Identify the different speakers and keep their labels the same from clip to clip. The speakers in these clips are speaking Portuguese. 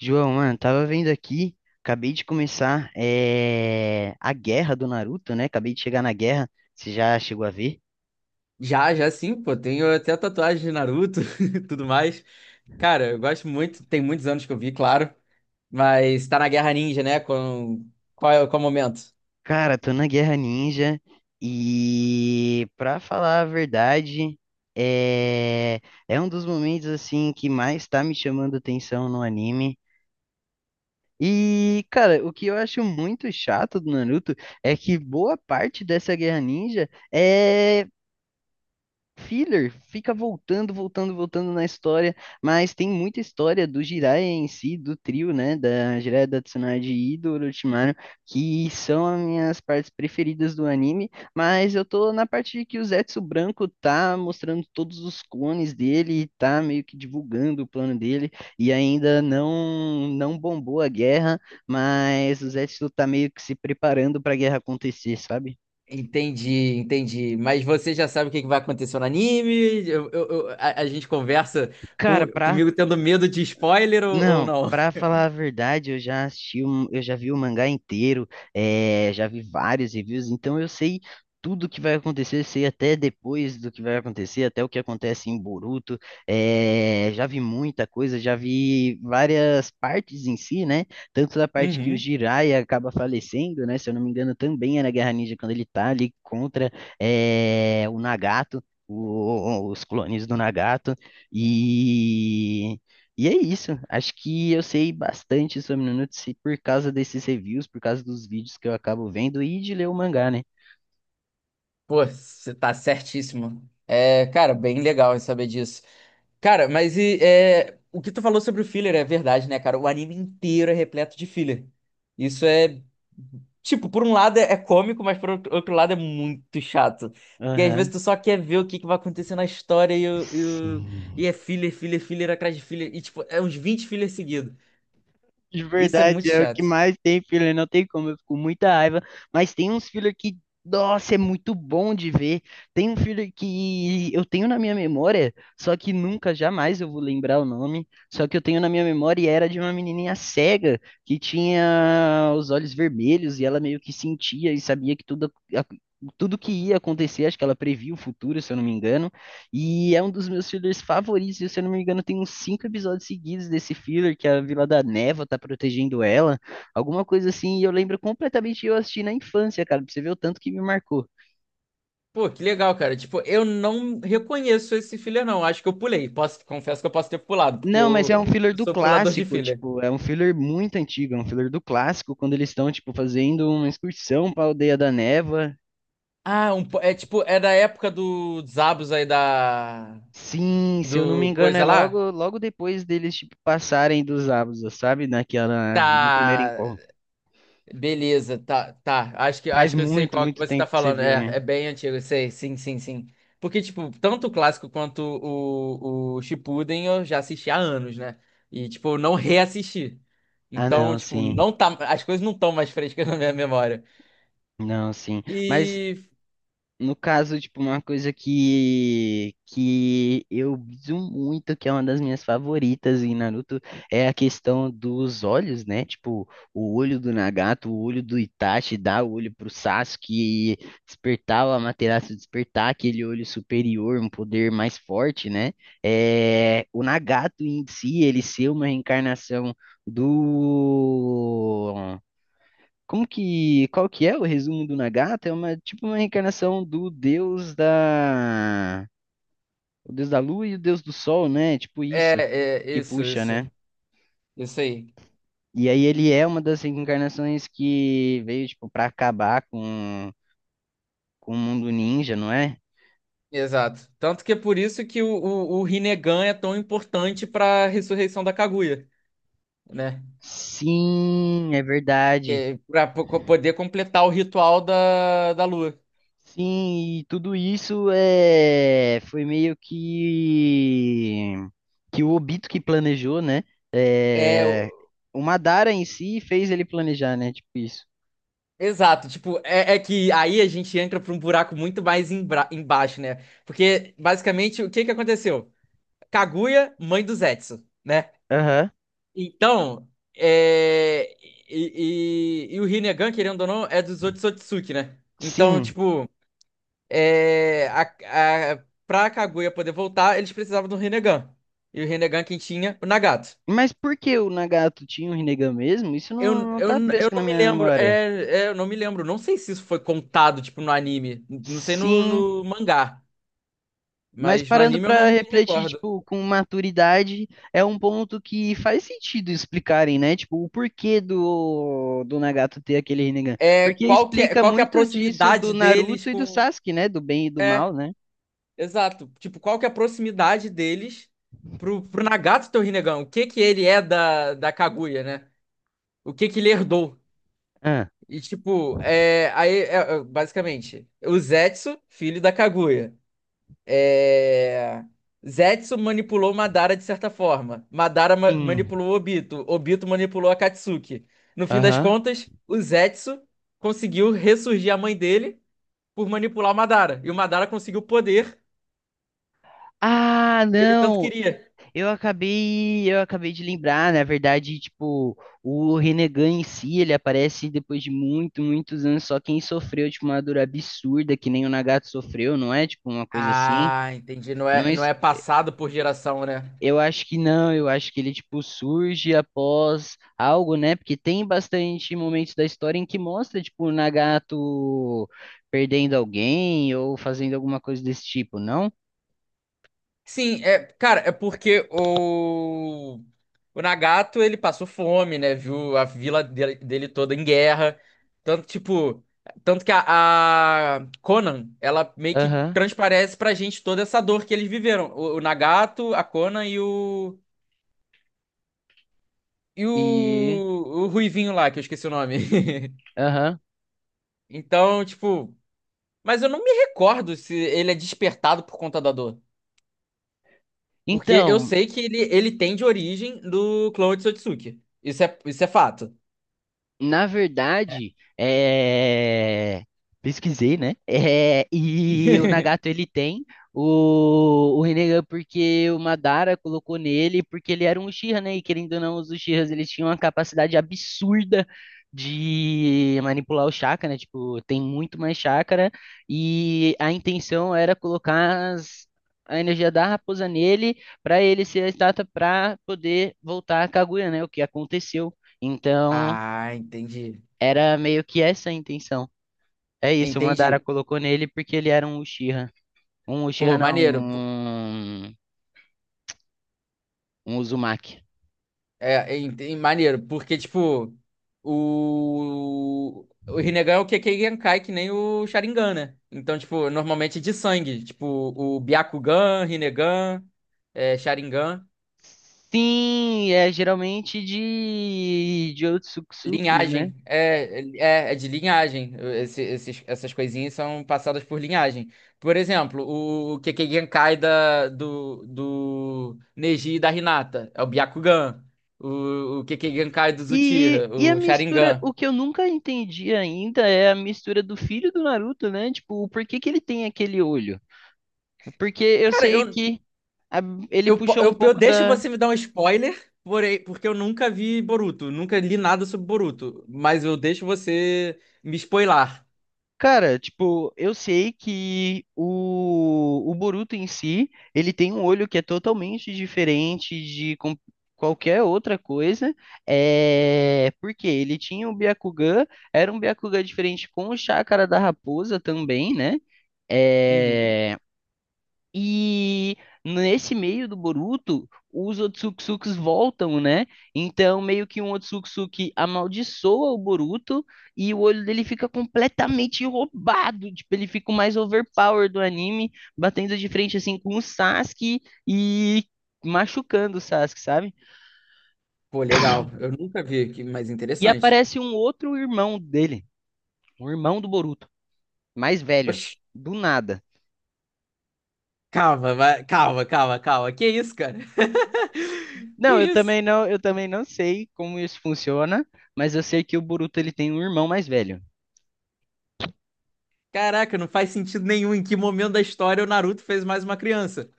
Speaker 1: João, mano, tava vendo aqui, acabei de começar a guerra do Naruto, né? Acabei de chegar na guerra, você já chegou a ver?
Speaker 2: Já, já sim, pô. Tenho até tatuagem de Naruto e tudo mais. Cara, eu gosto muito. Tem muitos anos que eu vi, claro. Mas tá na Guerra Ninja, né? Com... Qual é o momento?
Speaker 1: Cara, tô na Guerra Ninja e, pra falar a verdade, é, é um dos momentos, assim, que mais tá me chamando atenção no anime. E, cara, o que eu acho muito chato do Naruto é que boa parte dessa Guerra Ninja é filler, fica voltando, voltando, voltando na história, mas tem muita história do Jiraiya em si, do trio, né, da Jiraiya, da Tsunade e do Orochimaru, que são as minhas partes preferidas do anime, mas eu tô na parte de que o Zetsu Branco tá mostrando todos os clones dele, tá meio que divulgando o plano dele, e ainda não bombou a guerra, mas o Zetsu tá meio que se preparando pra guerra acontecer, sabe?
Speaker 2: Entendi, entendi. Mas você já sabe o que que vai acontecer no anime? A gente conversa
Speaker 1: Cara,
Speaker 2: com-
Speaker 1: pra
Speaker 2: comigo tendo medo de spoiler ou
Speaker 1: Não,
Speaker 2: não?
Speaker 1: pra falar a verdade, eu já assisti, eu já vi o mangá inteiro, já vi vários reviews, então eu sei tudo o que vai acontecer, sei até depois do que vai acontecer, até o que acontece em Boruto. Já vi muita coisa, já vi várias partes em si, né? Tanto da parte que o
Speaker 2: Uhum.
Speaker 1: Jiraiya acaba falecendo, né? Se eu não me engano, também é na Guerra Ninja quando ele tá ali contra, o Nagato. Os clones do Nagato. E e é isso. Acho que eu sei bastante sobre Nanutsu por causa desses reviews, por causa dos vídeos que eu acabo vendo e de ler o mangá, né?
Speaker 2: Pô, você tá certíssimo. É, cara, bem legal em saber disso. Cara, mas o que tu falou sobre o filler é verdade, né, cara? O anime inteiro é repleto de filler. Isso é. Tipo, por um lado é cômico, mas por outro lado é muito chato. Porque às vezes
Speaker 1: Aham.
Speaker 2: tu só quer ver o que que vai acontecer na história o- e
Speaker 1: Sim.
Speaker 2: é filler, filler, filler atrás de filler. E, tipo, é uns 20 fillers seguidos.
Speaker 1: De
Speaker 2: Isso é muito
Speaker 1: verdade, é o que
Speaker 2: chato.
Speaker 1: mais tem filler, não tem como, eu fico com muita raiva, mas tem uns filler que, nossa, é muito bom de ver. Tem um filler que eu tenho na minha memória, só que nunca, jamais eu vou lembrar o nome, só que eu tenho na minha memória e era de uma menininha cega que tinha os olhos vermelhos e ela meio que sentia e sabia que tudo, tudo que ia acontecer, acho que ela previa o futuro, se eu não me engano. E é um dos meus fillers favoritos. Se eu não me engano, tem uns cinco episódios seguidos desse filler, que a Vila da Neva tá protegendo ela. Alguma coisa assim. E eu lembro completamente de eu assisti na infância, cara. Pra você ver o tanto que me marcou.
Speaker 2: Pô, que legal, cara. Tipo, eu não reconheço esse filler, não. Acho que eu pulei. Posso, confesso que eu posso ter pulado, porque
Speaker 1: Não, mas
Speaker 2: eu,
Speaker 1: é um filler
Speaker 2: eu
Speaker 1: do
Speaker 2: sou pulador de
Speaker 1: clássico,
Speaker 2: filler.
Speaker 1: tipo, é um filler muito antigo, é um filler do clássico, quando eles estão, tipo, fazendo uma excursão pra Aldeia da Neva.
Speaker 2: Ah, é tipo, é da época do Zabos aí da
Speaker 1: Sim, se eu não me
Speaker 2: do
Speaker 1: engano, é
Speaker 2: coisa lá?
Speaker 1: logo, logo depois deles, tipo, passarem dos Abusas, sabe? Naquela, no primeiro
Speaker 2: Tá.
Speaker 1: encontro.
Speaker 2: Beleza, tá, tá. Acho que
Speaker 1: Faz
Speaker 2: acho que eu sei
Speaker 1: muito,
Speaker 2: qual que
Speaker 1: muito
Speaker 2: você tá
Speaker 1: tempo que você
Speaker 2: falando.
Speaker 1: viu,
Speaker 2: É,
Speaker 1: né?
Speaker 2: é bem antigo, eu sei. Sim, sim, sim. Porque tipo, tanto o clássico quanto o Shippuden eu já assisti há anos, né? E tipo, eu não reassisti.
Speaker 1: Ah,
Speaker 2: Então,
Speaker 1: não,
Speaker 2: tipo,
Speaker 1: sim.
Speaker 2: não tá, as coisas não estão mais frescas na minha memória.
Speaker 1: Não, sim. Mas
Speaker 2: E
Speaker 1: no caso, tipo, uma coisa que eu biso muito, que é uma das minhas favoritas em Naruto, é a questão dos olhos, né? Tipo, o olho do Nagato, o olho do Itachi, dar o olho pro Sasuke e despertar o Amaterasu, despertar aquele olho superior, um poder mais forte, né? É, o Nagato em si, ele ser uma reencarnação do como que, qual que é o resumo do Nagata? É uma tipo uma reencarnação o deus da lua e o deus do sol, né? Tipo isso
Speaker 2: é, é
Speaker 1: que
Speaker 2: isso,
Speaker 1: puxa, né?
Speaker 2: isso. Isso aí.
Speaker 1: E aí ele é uma das reencarnações que veio tipo para acabar com o mundo ninja, não é?
Speaker 2: Exato. Tanto que é por isso que o Rinnegan é tão importante para a ressurreição da Kaguya, né?
Speaker 1: Sim, é verdade.
Speaker 2: Que para poder completar o ritual da lua.
Speaker 1: Sim, e tudo isso é, foi meio que o Obito que planejou, né?
Speaker 2: É,
Speaker 1: É,
Speaker 2: o-
Speaker 1: o Madara em si fez ele planejar, né? Tipo isso.
Speaker 2: exato. Tipo, que aí a gente entra para um buraco muito mais embaixo, né? Porque basicamente o que que aconteceu? Kaguya, mãe do Zetsu, né?
Speaker 1: Aham.
Speaker 2: Então, é, e o Rinnegan, querendo ou não, é dos Otsutsuki, né? Então,
Speaker 1: Sim,
Speaker 2: tipo pra Kaguya poder voltar, eles precisavam do Rinnegan. E o Rinnegan quem tinha? O Nagato.
Speaker 1: mas por que o Nagato tinha o Rinnegan mesmo? Isso
Speaker 2: Eu,
Speaker 1: não
Speaker 2: eu,
Speaker 1: tá
Speaker 2: eu
Speaker 1: fresco na
Speaker 2: não me
Speaker 1: minha
Speaker 2: lembro,
Speaker 1: memória.
Speaker 2: eu não me lembro, não sei se isso foi contado, tipo, no anime, não sei no,
Speaker 1: Sim.
Speaker 2: no mangá,
Speaker 1: Mas
Speaker 2: mas no
Speaker 1: parando
Speaker 2: anime eu não
Speaker 1: para
Speaker 2: me
Speaker 1: refletir,
Speaker 2: recordo.
Speaker 1: tipo, com maturidade, é um ponto que faz sentido explicarem, né? Tipo, o porquê do Nagato ter aquele Rinnegan.
Speaker 2: É,
Speaker 1: Porque explica
Speaker 2: qual que é a
Speaker 1: muito disso do
Speaker 2: proximidade deles
Speaker 1: Naruto e do
Speaker 2: com...
Speaker 1: Sasuke, né? Do bem e do
Speaker 2: É,
Speaker 1: mal, né?
Speaker 2: exato, tipo, qual que é a proximidade deles pro Nagato ter o Rinnegan? O que que ele é da Kaguya, né? O que que ele herdou?
Speaker 1: Ah,
Speaker 2: E tipo, basicamente, o Zetsu, filho da Kaguya. É, Zetsu manipulou Madara de certa forma. Madara
Speaker 1: sim.
Speaker 2: manipulou Obito. Obito manipulou a Katsuki. No fim das
Speaker 1: Aham.
Speaker 2: contas, o Zetsu conseguiu ressurgir a mãe dele por manipular o Madara. E o Madara conseguiu o poder
Speaker 1: Ah,
Speaker 2: que ele tanto
Speaker 1: não!
Speaker 2: queria.
Speaker 1: Eu acabei de lembrar, na verdade, tipo, o Rinnegan em si, ele aparece depois de muito, muitos anos, só quem sofreu, tipo, uma dor absurda, que nem o Nagato sofreu, não é? Tipo, uma coisa assim.
Speaker 2: Ah, entendi. Não
Speaker 1: Não,
Speaker 2: é, não
Speaker 1: es-
Speaker 2: é passado por geração, né?
Speaker 1: eu acho que não, eu acho que ele tipo surge após algo, né? Porque tem bastante momentos da história em que mostra tipo o Nagato perdendo alguém ou fazendo alguma coisa desse tipo, não?
Speaker 2: Sim, é, cara, é porque o Nagato, ele passou fome, né? Viu a vila dele, dele toda em guerra. Tanto, tipo, tanto que a Conan, ela meio que
Speaker 1: Aham.
Speaker 2: transparece pra gente toda essa dor que eles viveram. O Nagato, a Conan e o e o,
Speaker 1: E
Speaker 2: o Ruivinho lá, que eu esqueci o nome.
Speaker 1: aham.
Speaker 2: Então, tipo, mas eu não me recordo se ele é despertado por conta da dor. Porque eu
Speaker 1: Então,
Speaker 2: sei que ele tem de origem do clone de Sotsuki. Isso é fato.
Speaker 1: na verdade, é... Pesquisei, né? E o Nagato ele tem o Rinnegan porque o Madara colocou nele, porque ele era um Uchiha, né? E querendo ou não, os Uchihas eles tinham uma capacidade absurda de manipular o chakra, né? Tipo, tem muito mais chakra e a intenção era colocar a energia da raposa nele para ele ser a estátua para poder voltar a Kaguya, né? O que aconteceu. Então,
Speaker 2: Ah, entendi.
Speaker 1: era meio que essa a intenção. É isso, o
Speaker 2: Entendi.
Speaker 1: Madara colocou nele porque ele era um Uchiha. Um Uchiha
Speaker 2: Pô,
Speaker 1: não,
Speaker 2: maneiro. Pô,
Speaker 1: um Uzumaki.
Speaker 2: é, entendi, maneiro, porque, tipo, O Rinnegan é o Kekkei Genkai, que nem o Sharingan, né? Então, tipo, normalmente é de sangue. Tipo, o Byakugan, Rinnegan, é, Sharingan.
Speaker 1: Sim, é geralmente de Otsutsukis, né?
Speaker 2: Linhagem, é de linhagem. Essas coisinhas são passadas por linhagem. Por exemplo, o Kekkei Genkai do Neji e da Hinata é o Byakugan. O Kekkei Genkai do Uchiha,
Speaker 1: E a
Speaker 2: o
Speaker 1: mistura,
Speaker 2: Sharingan.
Speaker 1: o que eu nunca entendi ainda é a mistura do filho do Naruto, né? Tipo, por que que ele tem aquele olho? Porque eu
Speaker 2: Cara,
Speaker 1: sei
Speaker 2: eu,
Speaker 1: que a- ele
Speaker 2: eu, po-
Speaker 1: puxou um
Speaker 2: eu, eu
Speaker 1: pouco
Speaker 2: deixo
Speaker 1: da
Speaker 2: você me dar um spoiler, porém, porque eu nunca vi Boruto, nunca li nada sobre Boruto, mas eu deixo você me spoilar.
Speaker 1: Cara, tipo, eu sei que o Boruto em si, ele tem um olho que é totalmente diferente qualquer outra coisa, é, porque ele tinha o Byakugan, era um Byakugan diferente com o Chakra da Raposa também, né?
Speaker 2: Uhum.
Speaker 1: Eh, e nesse meio do Boruto, os Otsutsukis voltam, né? Então, meio que um Otsutsuki amaldiçoa o Boruto e o olho dele fica completamente roubado. Tipo, ele fica o mais overpower do anime, batendo de frente assim com o Sasuke e machucando o Sasuke, sabe?
Speaker 2: Pô, legal. Eu nunca vi, que mais
Speaker 1: E
Speaker 2: interessante.
Speaker 1: aparece um outro irmão dele, um irmão do Boruto, mais velho, do nada.
Speaker 2: Calma, calma, calma, calma. Que isso, cara? Que
Speaker 1: Não, eu
Speaker 2: isso?
Speaker 1: também não, eu também não sei como isso funciona, mas eu sei que o Boruto ele tem um irmão mais velho.
Speaker 2: Caraca, não faz sentido nenhum em que momento da história o Naruto fez mais uma criança.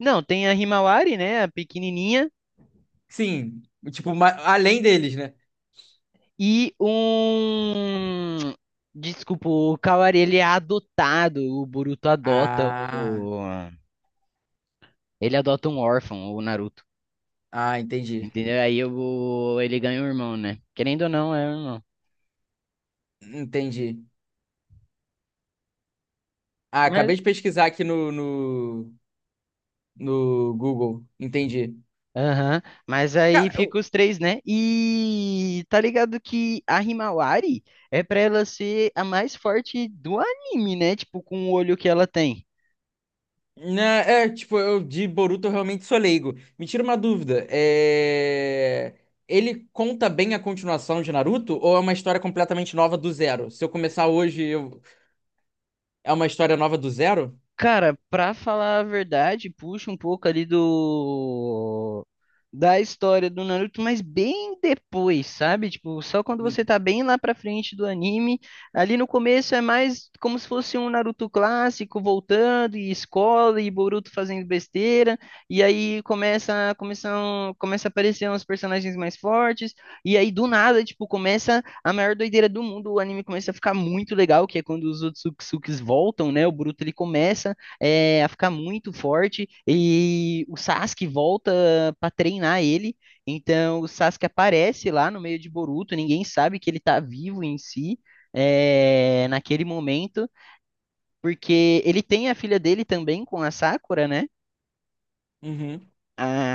Speaker 1: Não, tem a Himawari, né, a pequenininha,
Speaker 2: Sim, tipo, além deles, né?
Speaker 1: e um Desculpa, o Kawari ele é adotado, o Boruto adota
Speaker 2: Ah,
Speaker 1: o ele adota um órfão, o Naruto.
Speaker 2: entendi.
Speaker 1: Entendeu? Aí eu, ele ganha um irmão, né? Querendo ou não, é um irmão.
Speaker 2: Entendi. Ah,
Speaker 1: Mas
Speaker 2: acabei de pesquisar aqui no Google. Entendi.
Speaker 1: Aham, mas aí
Speaker 2: Cara,
Speaker 1: fica os três, né? E tá ligado que a Himawari é pra ela ser a mais forte do anime, né? Tipo, com o olho que ela tem.
Speaker 2: né, é, tipo, eu de Boruto eu realmente sou leigo. Me tira uma dúvida. É... Ele conta bem a continuação de Naruto ou é uma história completamente nova do zero? Se eu começar hoje, é uma história nova do zero?
Speaker 1: Cara, pra falar a verdade, puxa um pouco ali do da história do Naruto, mas bem depois, sabe? Tipo, só quando você
Speaker 2: Hum,
Speaker 1: tá bem lá pra frente do anime, ali no começo é mais como se fosse um Naruto clássico voltando e escola e Boruto fazendo besteira, e aí começa a aparecer uns personagens mais fortes, e aí do nada, tipo, começa a maior doideira do mundo, o anime começa a ficar muito legal, que é quando os Otsutsukis voltam, né? O Boruto ele começa é, a ficar muito forte e o Sasuke volta para treinar ele. Então o Sasuke aparece lá no meio de Boruto, ninguém sabe que ele tá vivo em si. É, naquele momento, porque ele tem a filha dele também com a Sakura, né?
Speaker 2: Uhum.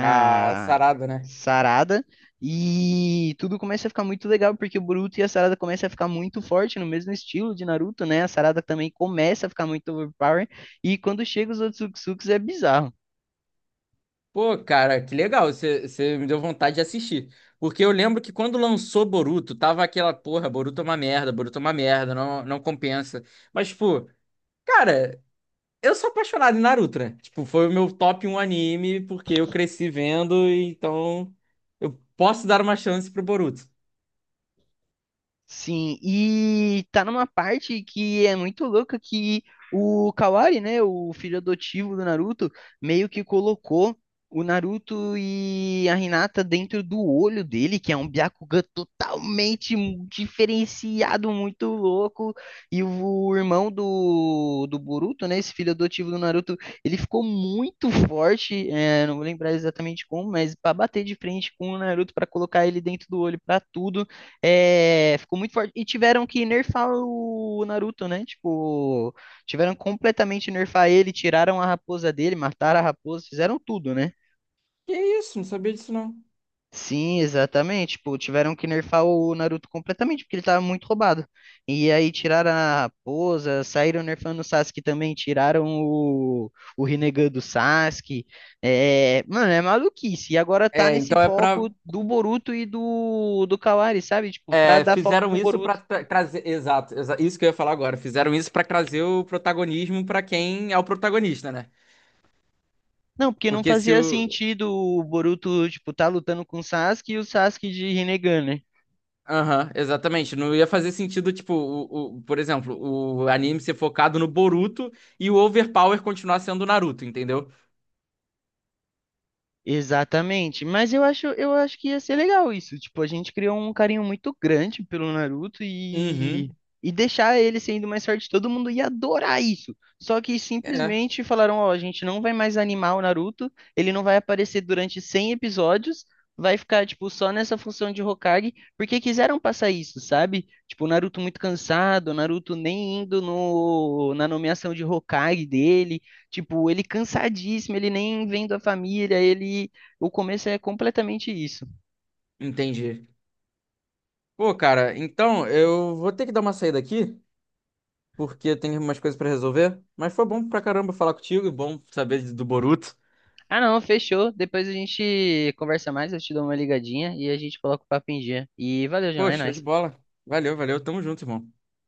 Speaker 2: Ah, sarada, né?
Speaker 1: Sarada e tudo começa a ficar muito legal porque o Boruto e a Sarada começam a ficar muito forte no mesmo estilo de Naruto, né? A Sarada também começa a ficar muito overpower e quando chega os Otsutsuki é bizarro.
Speaker 2: Pô, cara, que legal. Você me deu vontade de assistir. Porque eu lembro que quando lançou Boruto, tava aquela porra, Boruto é uma merda, Boruto é uma merda, não, não compensa. Mas, tipo, cara. Eu sou apaixonado em Naruto, né? Tipo, foi o meu top um anime, porque eu cresci vendo, e então eu posso dar uma chance pro Boruto.
Speaker 1: Sim, e tá numa parte que é muito louca que o Kawari, né, o filho adotivo do Naruto, meio que colocou o Naruto e a Hinata dentro do olho dele, que é um Byakugan totalmente diferenciado, muito louco. E o irmão do Boruto, né, esse filho adotivo do Naruto, ele ficou muito forte, é, não vou lembrar exatamente como, mas pra bater de frente com o Naruto, pra colocar ele dentro do olho, pra tudo. É, ficou muito forte. E tiveram que nerfar o Naruto, né? Tipo, tiveram completamente nerfar ele, tiraram a raposa dele, mataram a raposa, fizeram tudo, né?
Speaker 2: Que isso, não sabia disso não.
Speaker 1: Sim, exatamente. Tipo, tiveram que nerfar o Naruto completamente, porque ele tava muito roubado. E aí tiraram a raposa, saíram nerfando o Sasuke também, tiraram o Rinnegan do Sasuke. É, mano, é maluquice. E agora tá
Speaker 2: É,
Speaker 1: nesse
Speaker 2: então é pra.
Speaker 1: foco do Boruto e do Kawari, sabe? Tipo, pra
Speaker 2: É,
Speaker 1: dar foco
Speaker 2: fizeram
Speaker 1: pro
Speaker 2: isso pra
Speaker 1: Boruto.
Speaker 2: trazer. Exato, isso que eu ia falar agora. Fizeram isso pra trazer o protagonismo pra quem é o protagonista, né?
Speaker 1: Não, porque não
Speaker 2: Porque se
Speaker 1: fazia
Speaker 2: o.
Speaker 1: sentido o Boruto, tipo, tá lutando com o Sasuke e o Sasuke de Rinnegan, né?
Speaker 2: Aham, exatamente. Não ia fazer sentido, tipo, por exemplo, o anime ser focado no Boruto e o Overpower continuar sendo o Naruto, entendeu?
Speaker 1: Exatamente, mas eu acho que ia ser legal isso. Tipo, a gente criou um carinho muito grande pelo Naruto
Speaker 2: Uhum.
Speaker 1: e deixar ele sendo mais forte, todo mundo ia adorar isso. Só que
Speaker 2: É.
Speaker 1: simplesmente falaram: ó, a gente não vai mais animar o Naruto, ele não vai aparecer durante 100 episódios, vai ficar, tipo, só nessa função de Hokage, porque quiseram passar isso, sabe? Tipo, o Naruto muito cansado, o Naruto nem indo no, na nomeação de Hokage dele. Tipo, ele cansadíssimo, ele nem vem da família, ele. O começo é completamente isso.
Speaker 2: Entendi. Pô, cara, então eu vou ter que dar uma saída aqui, porque eu tenho umas coisas pra resolver. Mas foi bom pra caramba falar contigo, e bom saber do Boruto.
Speaker 1: Ah, não, fechou. Depois a gente conversa mais, eu te dou uma ligadinha e a gente coloca o papo em dia. E valeu, João,
Speaker 2: Pô,
Speaker 1: é
Speaker 2: show de
Speaker 1: nóis.
Speaker 2: bola. Valeu, valeu. Tamo junto, irmão.